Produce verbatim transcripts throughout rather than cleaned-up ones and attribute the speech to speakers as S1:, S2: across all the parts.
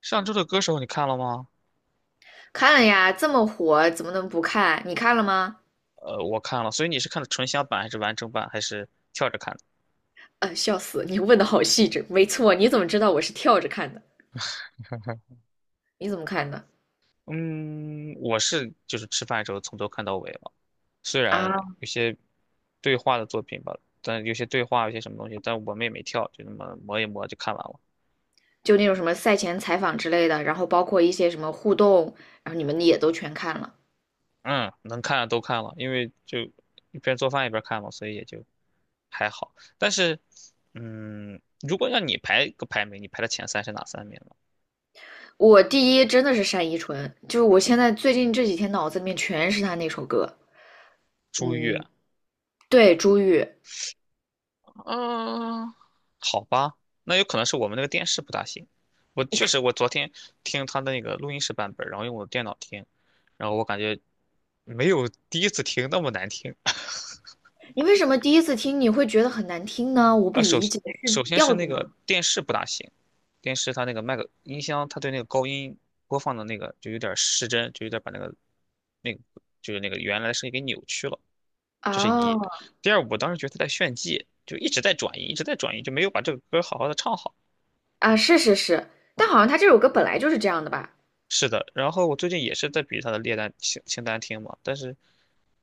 S1: 上周的歌手你看了吗？
S2: 看了呀，这么火，怎么能不看？你看了吗？
S1: 呃，我看了，所以你是看的纯享版还是完整版，还是跳着看的？
S2: 呃，笑死，你问的好细致。没错，你怎么知道我是跳着看的？你怎么看的？
S1: 嗯，我是就是吃饭的时候从头看到尾了，虽然
S2: 啊，
S1: 有些对话的作品吧，但有些对话有些什么东西，但我们也没跳，就那么磨一磨就看完了。
S2: 就那种什么赛前采访之类的，然后包括一些什么互动，然后你们也都全看了。
S1: 嗯，能看的都看了，因为就一边做饭一边看嘛，所以也就还好。但是，嗯，如果让你排个排名，你排的前三是哪三名呢？
S2: 我第一真的是单依纯，就是我现在最近这几天脑子里面全是她那首歌。
S1: 朱越、
S2: 嗯，对，朱玉，
S1: 嗯，好吧，那有可能是我们那个电视不大行。我确实，我昨天听他的那个录音室版本，然后用我的电脑听，然后我感觉没有第一次听那么难听。
S2: 你为什么第一次听你会觉得很难听呢？我不
S1: 呃，首
S2: 理
S1: 先
S2: 解，是
S1: 首先是
S2: 调子
S1: 那
S2: 吗？
S1: 个电视不大行，电视它那个麦克音箱，它对那个高音播放的那个就有点失真，就有点把那个那个就是那个原来的声音给扭曲了，这是一。
S2: 哦，
S1: 第二，我当时觉得他在炫技，就一直在转移，一直在转移，就没有把这个歌好好的唱好。
S2: 啊，是是是，但好像他这首歌本来就是这样的吧？
S1: 是的，然后我最近也是在比他的列单清清单听嘛，但是，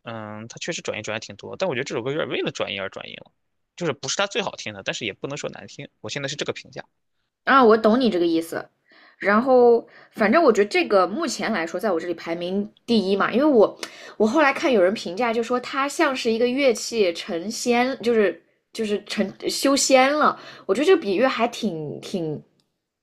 S1: 嗯，他确实转音转的挺多，但我觉得这首歌有点为了转音而转音了，就是不是他最好听的，但是也不能说难听，我现在是这个评价。
S2: 啊，我懂你这个意思。然后，反正我觉得这个目前来说，在我这里排名第一嘛，因为我我后来看有人评价，就说它像是一个乐器成仙，就是就是成修仙了。我觉得这个比喻还挺挺，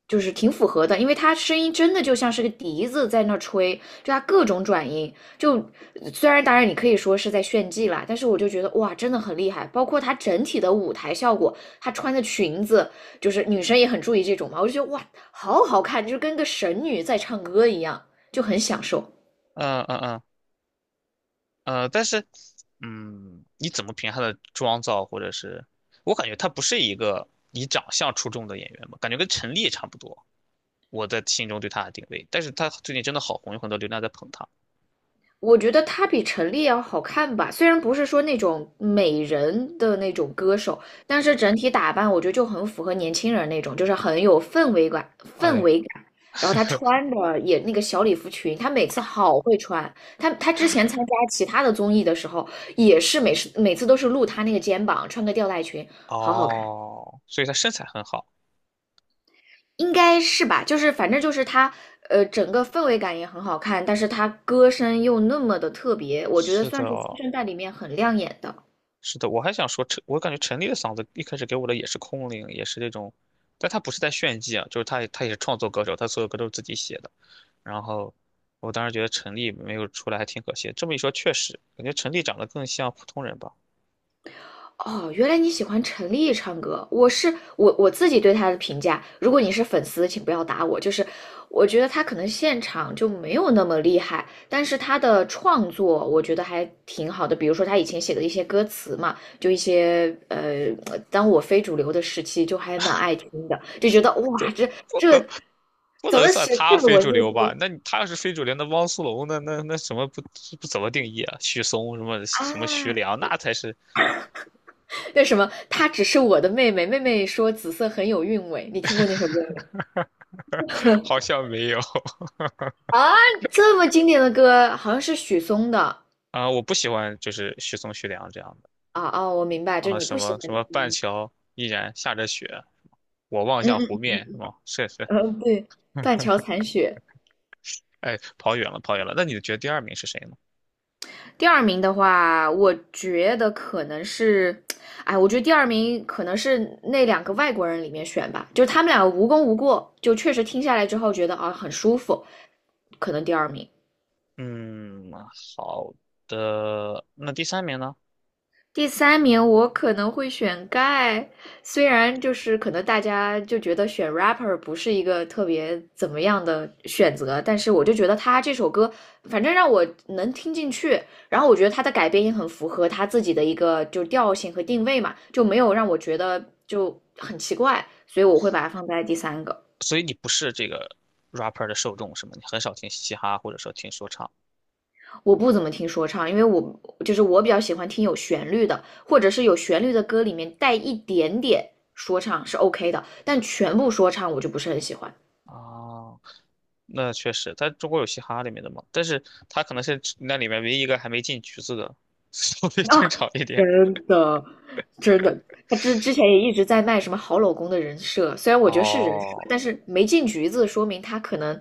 S2: 就是挺符合的，因为它声音真的就像是个笛子在那吹，就它各种转音。就虽然当然你可以说是在炫技啦，但是我就觉得哇，真的很厉害。包括它整体的舞台效果，她穿的裙子。就是女生也很注意这种嘛，我就觉得哇，好好看，就是跟个神女在唱歌一样，就很享受。
S1: 嗯嗯嗯呃，但是，嗯，你怎么评他的妆造，或者是我感觉他不是一个以长相出众的演员吧，感觉跟陈粒也差不多，我在心中对他的定位，但是他最近真的好红，有很多流量在捧他。
S2: 我觉得她比陈粒要好看吧，虽然不是说那种美人的那种歌手，但是整体打扮我觉得就很符合年轻人那种，就是很有氛围感，氛
S1: 哎，
S2: 围感。然后她穿的也那个小礼服裙，她每次好会穿。她她之前参加其他的综艺的时候，也是每次每次都是露她那个肩膀，穿个吊带裙，好好看。
S1: 哦，所以他身材很好。
S2: 应该是吧，就是反正就是他，呃，整个氛围感也很好看，但是他歌声又那么的特别，我觉得
S1: 是的，
S2: 算是新生代里面很亮眼的。
S1: 是的，我还想说陈，我感觉陈粒的嗓子一开始给我的也是空灵，也是那种，但他不是在炫技啊，就是他他也是创作歌手，他所有歌都是自己写的。然后我当时觉得陈粒没有出来还挺可惜。这么一说，确实感觉陈粒长得更像普通人吧，
S2: 哦，原来你喜欢陈粒唱歌。我是我我自己对她的评价，如果你是粉丝，请不要打我。就是我觉得她可能现场就没有那么厉害，但是她的创作我觉得还挺好的。比如说她以前写的一些歌词嘛，就一些呃，当我非主流的时期，就还蛮爱听的，就觉得
S1: 这
S2: 哇，这
S1: 不
S2: 这
S1: 能不
S2: 怎
S1: 能
S2: 么
S1: 算
S2: 写
S1: 他
S2: 这么
S1: 非
S2: 文
S1: 主
S2: 绉
S1: 流
S2: 绉
S1: 吧？那你他要是非主流，那汪苏泷那那那什么不不怎么定义啊？许嵩什么什么徐
S2: 啊？
S1: 良那才是
S2: 为什么，她只是我的妹妹，妹妹说紫色很有韵味。你听过那首歌没？
S1: 好 像没有
S2: 啊，这么经典的歌，好像是许嵩的
S1: 啊、我不喜欢就是许嵩、徐良这样的。
S2: 啊哦，我明白，就是
S1: 啊，
S2: 你
S1: 什
S2: 不喜
S1: 么
S2: 欢
S1: 什么半
S2: 听，
S1: 桥依然下着雪，我望
S2: 嗯
S1: 向湖
S2: 嗯
S1: 面，是吗？是是，
S2: 嗯，对，《断桥残雪》。
S1: 哎，跑远了，跑远了。那你觉得第二名是谁呢？
S2: 第二名的话，我觉得可能是，哎，我觉得第二名可能是那两个外国人里面选吧，就是他们两个无功无过，就确实听下来之后觉得啊很舒服，可能第二名。
S1: 嗯，好的，那第三名呢？
S2: 第三名我可能会选 Guy，虽然就是可能大家就觉得选 rapper 不是一个特别怎么样的选择，但是我就觉得他这首歌反正让我能听进去，然后我觉得他的改编也很符合他自己的一个就调性和定位嘛，就没有让我觉得就很奇怪，所以我会把它放在第三个。
S1: 所以你不是这个 rapper 的受众是吗？你很少听嘻哈或者说听说唱
S2: 我不怎么听说唱，因为我就是我比较喜欢听有旋律的，或者是有旋律的歌里面带一点点说唱是 OK 的，但全部说唱我就不是很喜欢。
S1: 啊？那确实，在中国有嘻哈里面的嘛，但是他可能是那里面唯一一个还没进局子的，稍微正
S2: 啊，
S1: 常一点。
S2: 真的，真的，他之之前也一直在卖什么好老公的人设，虽然我觉得是人设，
S1: 哦，
S2: 但是没进局子，说明他可能，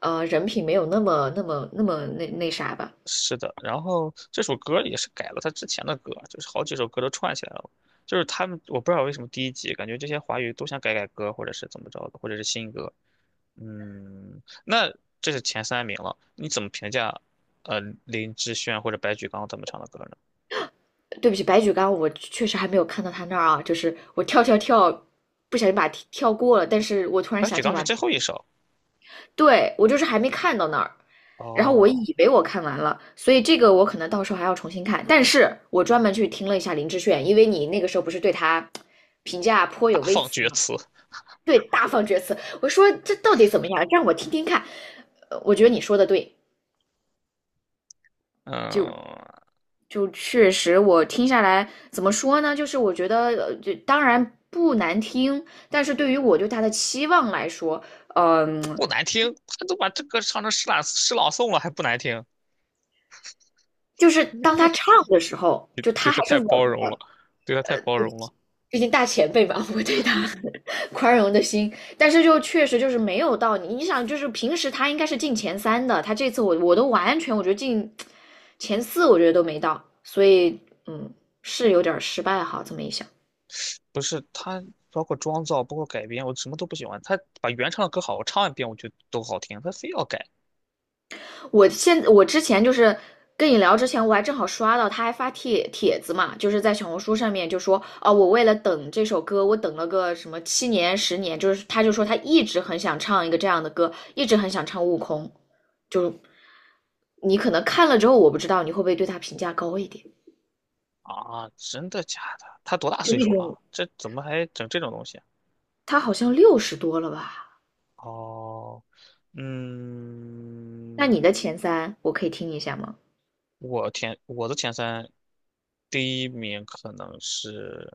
S2: 呃，人品没有那么那么那么那那啥吧。
S1: 是的，然后这首歌也是改了他之前的歌，就是好几首歌都串起来了。就是他们，我不知道为什么第一集感觉这些华语都想改改歌，或者是怎么着的，或者是新歌。嗯，那这是前三名了，你怎么评价？呃，林志炫或者白举纲他们唱的歌呢？
S2: 对不起，白举纲，我确实还没有看到他那儿啊，就是我跳跳跳，不小心把它跳过了，但是我突然
S1: 白
S2: 想
S1: 举
S2: 起
S1: 纲是
S2: 完
S1: 最后一首
S2: 对，我就是还没看到那儿，然后我
S1: 哦，
S2: 以为我看完了，所以这个我可能到时候还要重新看。但是我专门去听了一下林志炫，因为你那个时候不是对他评价颇
S1: 大
S2: 有微
S1: 放
S2: 词
S1: 厥
S2: 吗？
S1: 词，
S2: 对，大放厥词。我说这到底怎么样？让我听听看。呃我觉得你说的对，就
S1: 嗯，
S2: 就确实我听下来怎么说呢？就是我觉得呃，就当然不难听，但是对于我对他的期望来说，嗯、
S1: 不难听，他都把这歌唱成诗朗诗朗诵了，还不难听，
S2: 就是当他唱的时候，就他
S1: 对
S2: 还
S1: 他
S2: 是
S1: 太
S2: 稳
S1: 包容了，
S2: 的。
S1: 对他太包容了。
S2: 毕竟大前辈嘛，我对他 宽容的心，但是就确实就是没有到你，你想就是平时他应该是进前三的，他这次我我都完全我觉得进前四，我觉得都没到，所以嗯是有点失败哈，这么一想。
S1: 不是他，包括妆造，包括改编，我什么都不喜欢。他把原唱的歌好，我唱一遍我觉得都好听，他非要改
S2: 我现我之前就是跟你聊之前，我还正好刷到他还发帖帖子嘛，就是在小红书上面就说哦，我为了等这首歌，我等了个什么七年十年，就是他就说他一直很想唱一个这样的歌，一直很想唱《悟空》，就你可能看了之后，我不知道你会不会对他评价高一点，
S1: 啊！真的假的？他多大
S2: 就
S1: 岁
S2: 那
S1: 数了啊？
S2: 种
S1: 这怎么还整这种东西啊？
S2: 他好像六十多了吧？
S1: 哦，
S2: 那
S1: 嗯，
S2: 你的前三我可以听一下吗？
S1: 我前我的前三，第一名可能是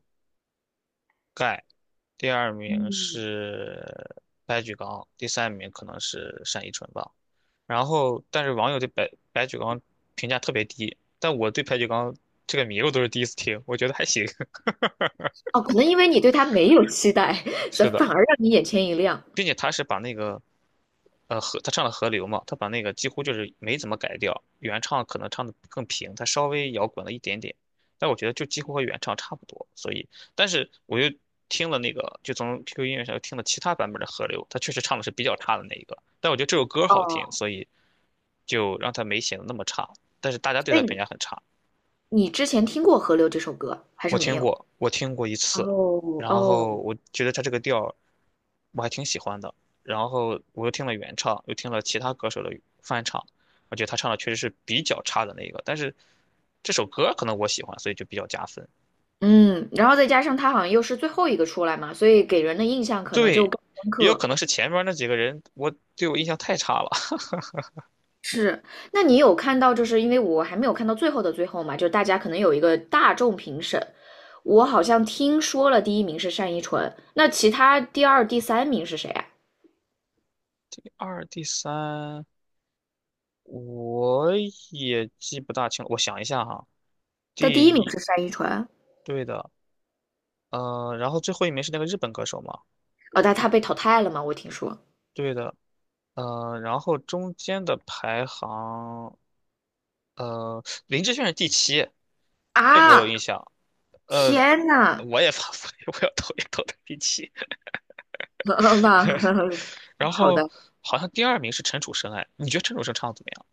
S1: 盖，第二名
S2: 嗯，
S1: 是白举纲，第三名可能是单依纯吧。然后，但是网友对白白举纲评价特别低，但我对白举纲这个名我都是第一次听，我觉得还行。
S2: 哦，可能因为你对他没有期待，所
S1: 是
S2: 以反
S1: 的。
S2: 而让你眼前一亮。
S1: 并且他是把那个，呃，河他唱了河流嘛，他把那个几乎就是没怎么改掉，原唱可能唱的更平，他稍微摇滚了一点点，但我觉得就几乎和原唱差不多。所以，但是我又听了那个，就从 Q Q 音乐上又听了其他版本的河流，他确实唱的是比较差的那一个，但我觉得这首歌好听，
S2: 哦，
S1: 所以就让他没显得那么差，但是大家对
S2: 所以
S1: 他评
S2: 你
S1: 价很差。
S2: 你之前听过《河流》这首歌还是
S1: 我
S2: 没
S1: 听
S2: 有？
S1: 过，我听过一次，
S2: 哦
S1: 然
S2: 哦，
S1: 后我觉得他这个调儿我还挺喜欢的，然后我又听了原唱，又听了其他歌手的翻唱，我觉得他唱的确实是比较差的那个，但是这首歌可能我喜欢，所以就比较加分。
S2: 嗯，然后再加上他好像又是最后一个出来嘛，所以给人的印象可能就
S1: 对，
S2: 更深
S1: 也有
S2: 刻。
S1: 可能是前面那几个人我对我印象太差了。
S2: 是，那你有看到，就是因为我还没有看到最后的最后嘛，就是大家可能有一个大众评审，我好像听说了第一名是单依纯，那其他第二、第三名是谁啊？
S1: 第二、第三我也记不大清了，我想一下哈，
S2: 但第一
S1: 第
S2: 名
S1: 一，
S2: 是单依纯，
S1: 对的，呃，然后最后一名是那个日本歌手嘛，
S2: 哦，但他被淘汰了嘛，我听说
S1: 对的，呃，然后中间的排行，呃，林志炫是第七，这个我有
S2: 啊，
S1: 印象。呃，
S2: 天呐，
S1: 我也发，我要投一 投他第七。
S2: 好吧，
S1: 然
S2: 好
S1: 后
S2: 的，
S1: 好像第二名是陈楚生，哎，你觉得陈楚生唱的怎么样？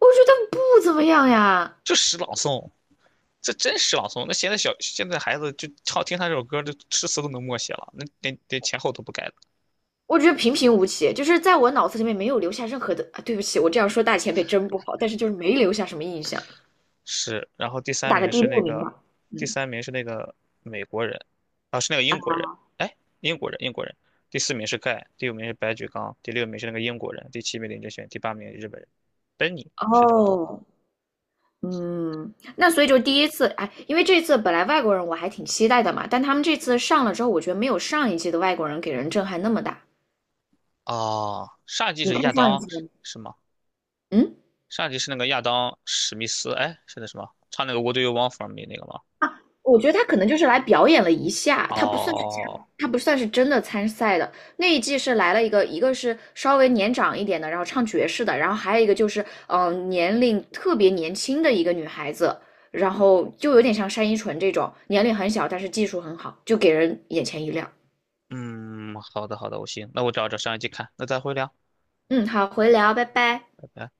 S2: 我觉得不怎么样呀，
S1: 就诗朗诵，这真诗朗诵。那现在小现在孩子就唱听他这首歌，就诗词都能默写了，那连连前后都不改
S2: 我觉得平平无奇，就是在我脑子里面没有留下任何的啊。对不起，我这样说大前辈真不好，但是就是没留下什么印象，
S1: 是，然后第三
S2: 打个
S1: 名
S2: 第
S1: 是
S2: 六
S1: 那
S2: 名
S1: 个，
S2: 吧。
S1: 第
S2: 嗯，
S1: 三名是那个美国人，啊，是那个英国人，哎，英国人，英国人。第四名是盖，第五名是白举纲，第六名是那个英国人，第七名林志炫，第八名日本人。本尼是这么读吗？
S2: 哦，嗯，那所以就第一次，哎，因为这次本来外国人我还挺期待的嘛，但他们这次上了之后，我觉得没有上一季的外国人给人震撼那么大。
S1: 哦，上一季
S2: 你
S1: 是
S2: 看
S1: 亚
S2: 上一
S1: 当
S2: 季了
S1: 是
S2: 吗？
S1: 是吗？
S2: 嗯，
S1: 上一季是那个亚当史密斯，哎，是那什么，唱那个《What Do You Want from Me》那个吗？
S2: 啊，我觉得他可能就是来表演了一下，他不算是加
S1: 哦，
S2: 他不算是真的参赛的。那一季是来了一个，一个是稍微年长一点的，然后唱爵士的，然后还有一个就是嗯、呃年龄特别年轻的一个女孩子，然后就有点像单依纯这种，年龄很小，但是技术很好，就给人眼前一亮。
S1: 嗯，好的好的，我行，那我找找上一季看，那再会聊，
S2: 嗯，好，回聊，拜拜。
S1: 拜拜。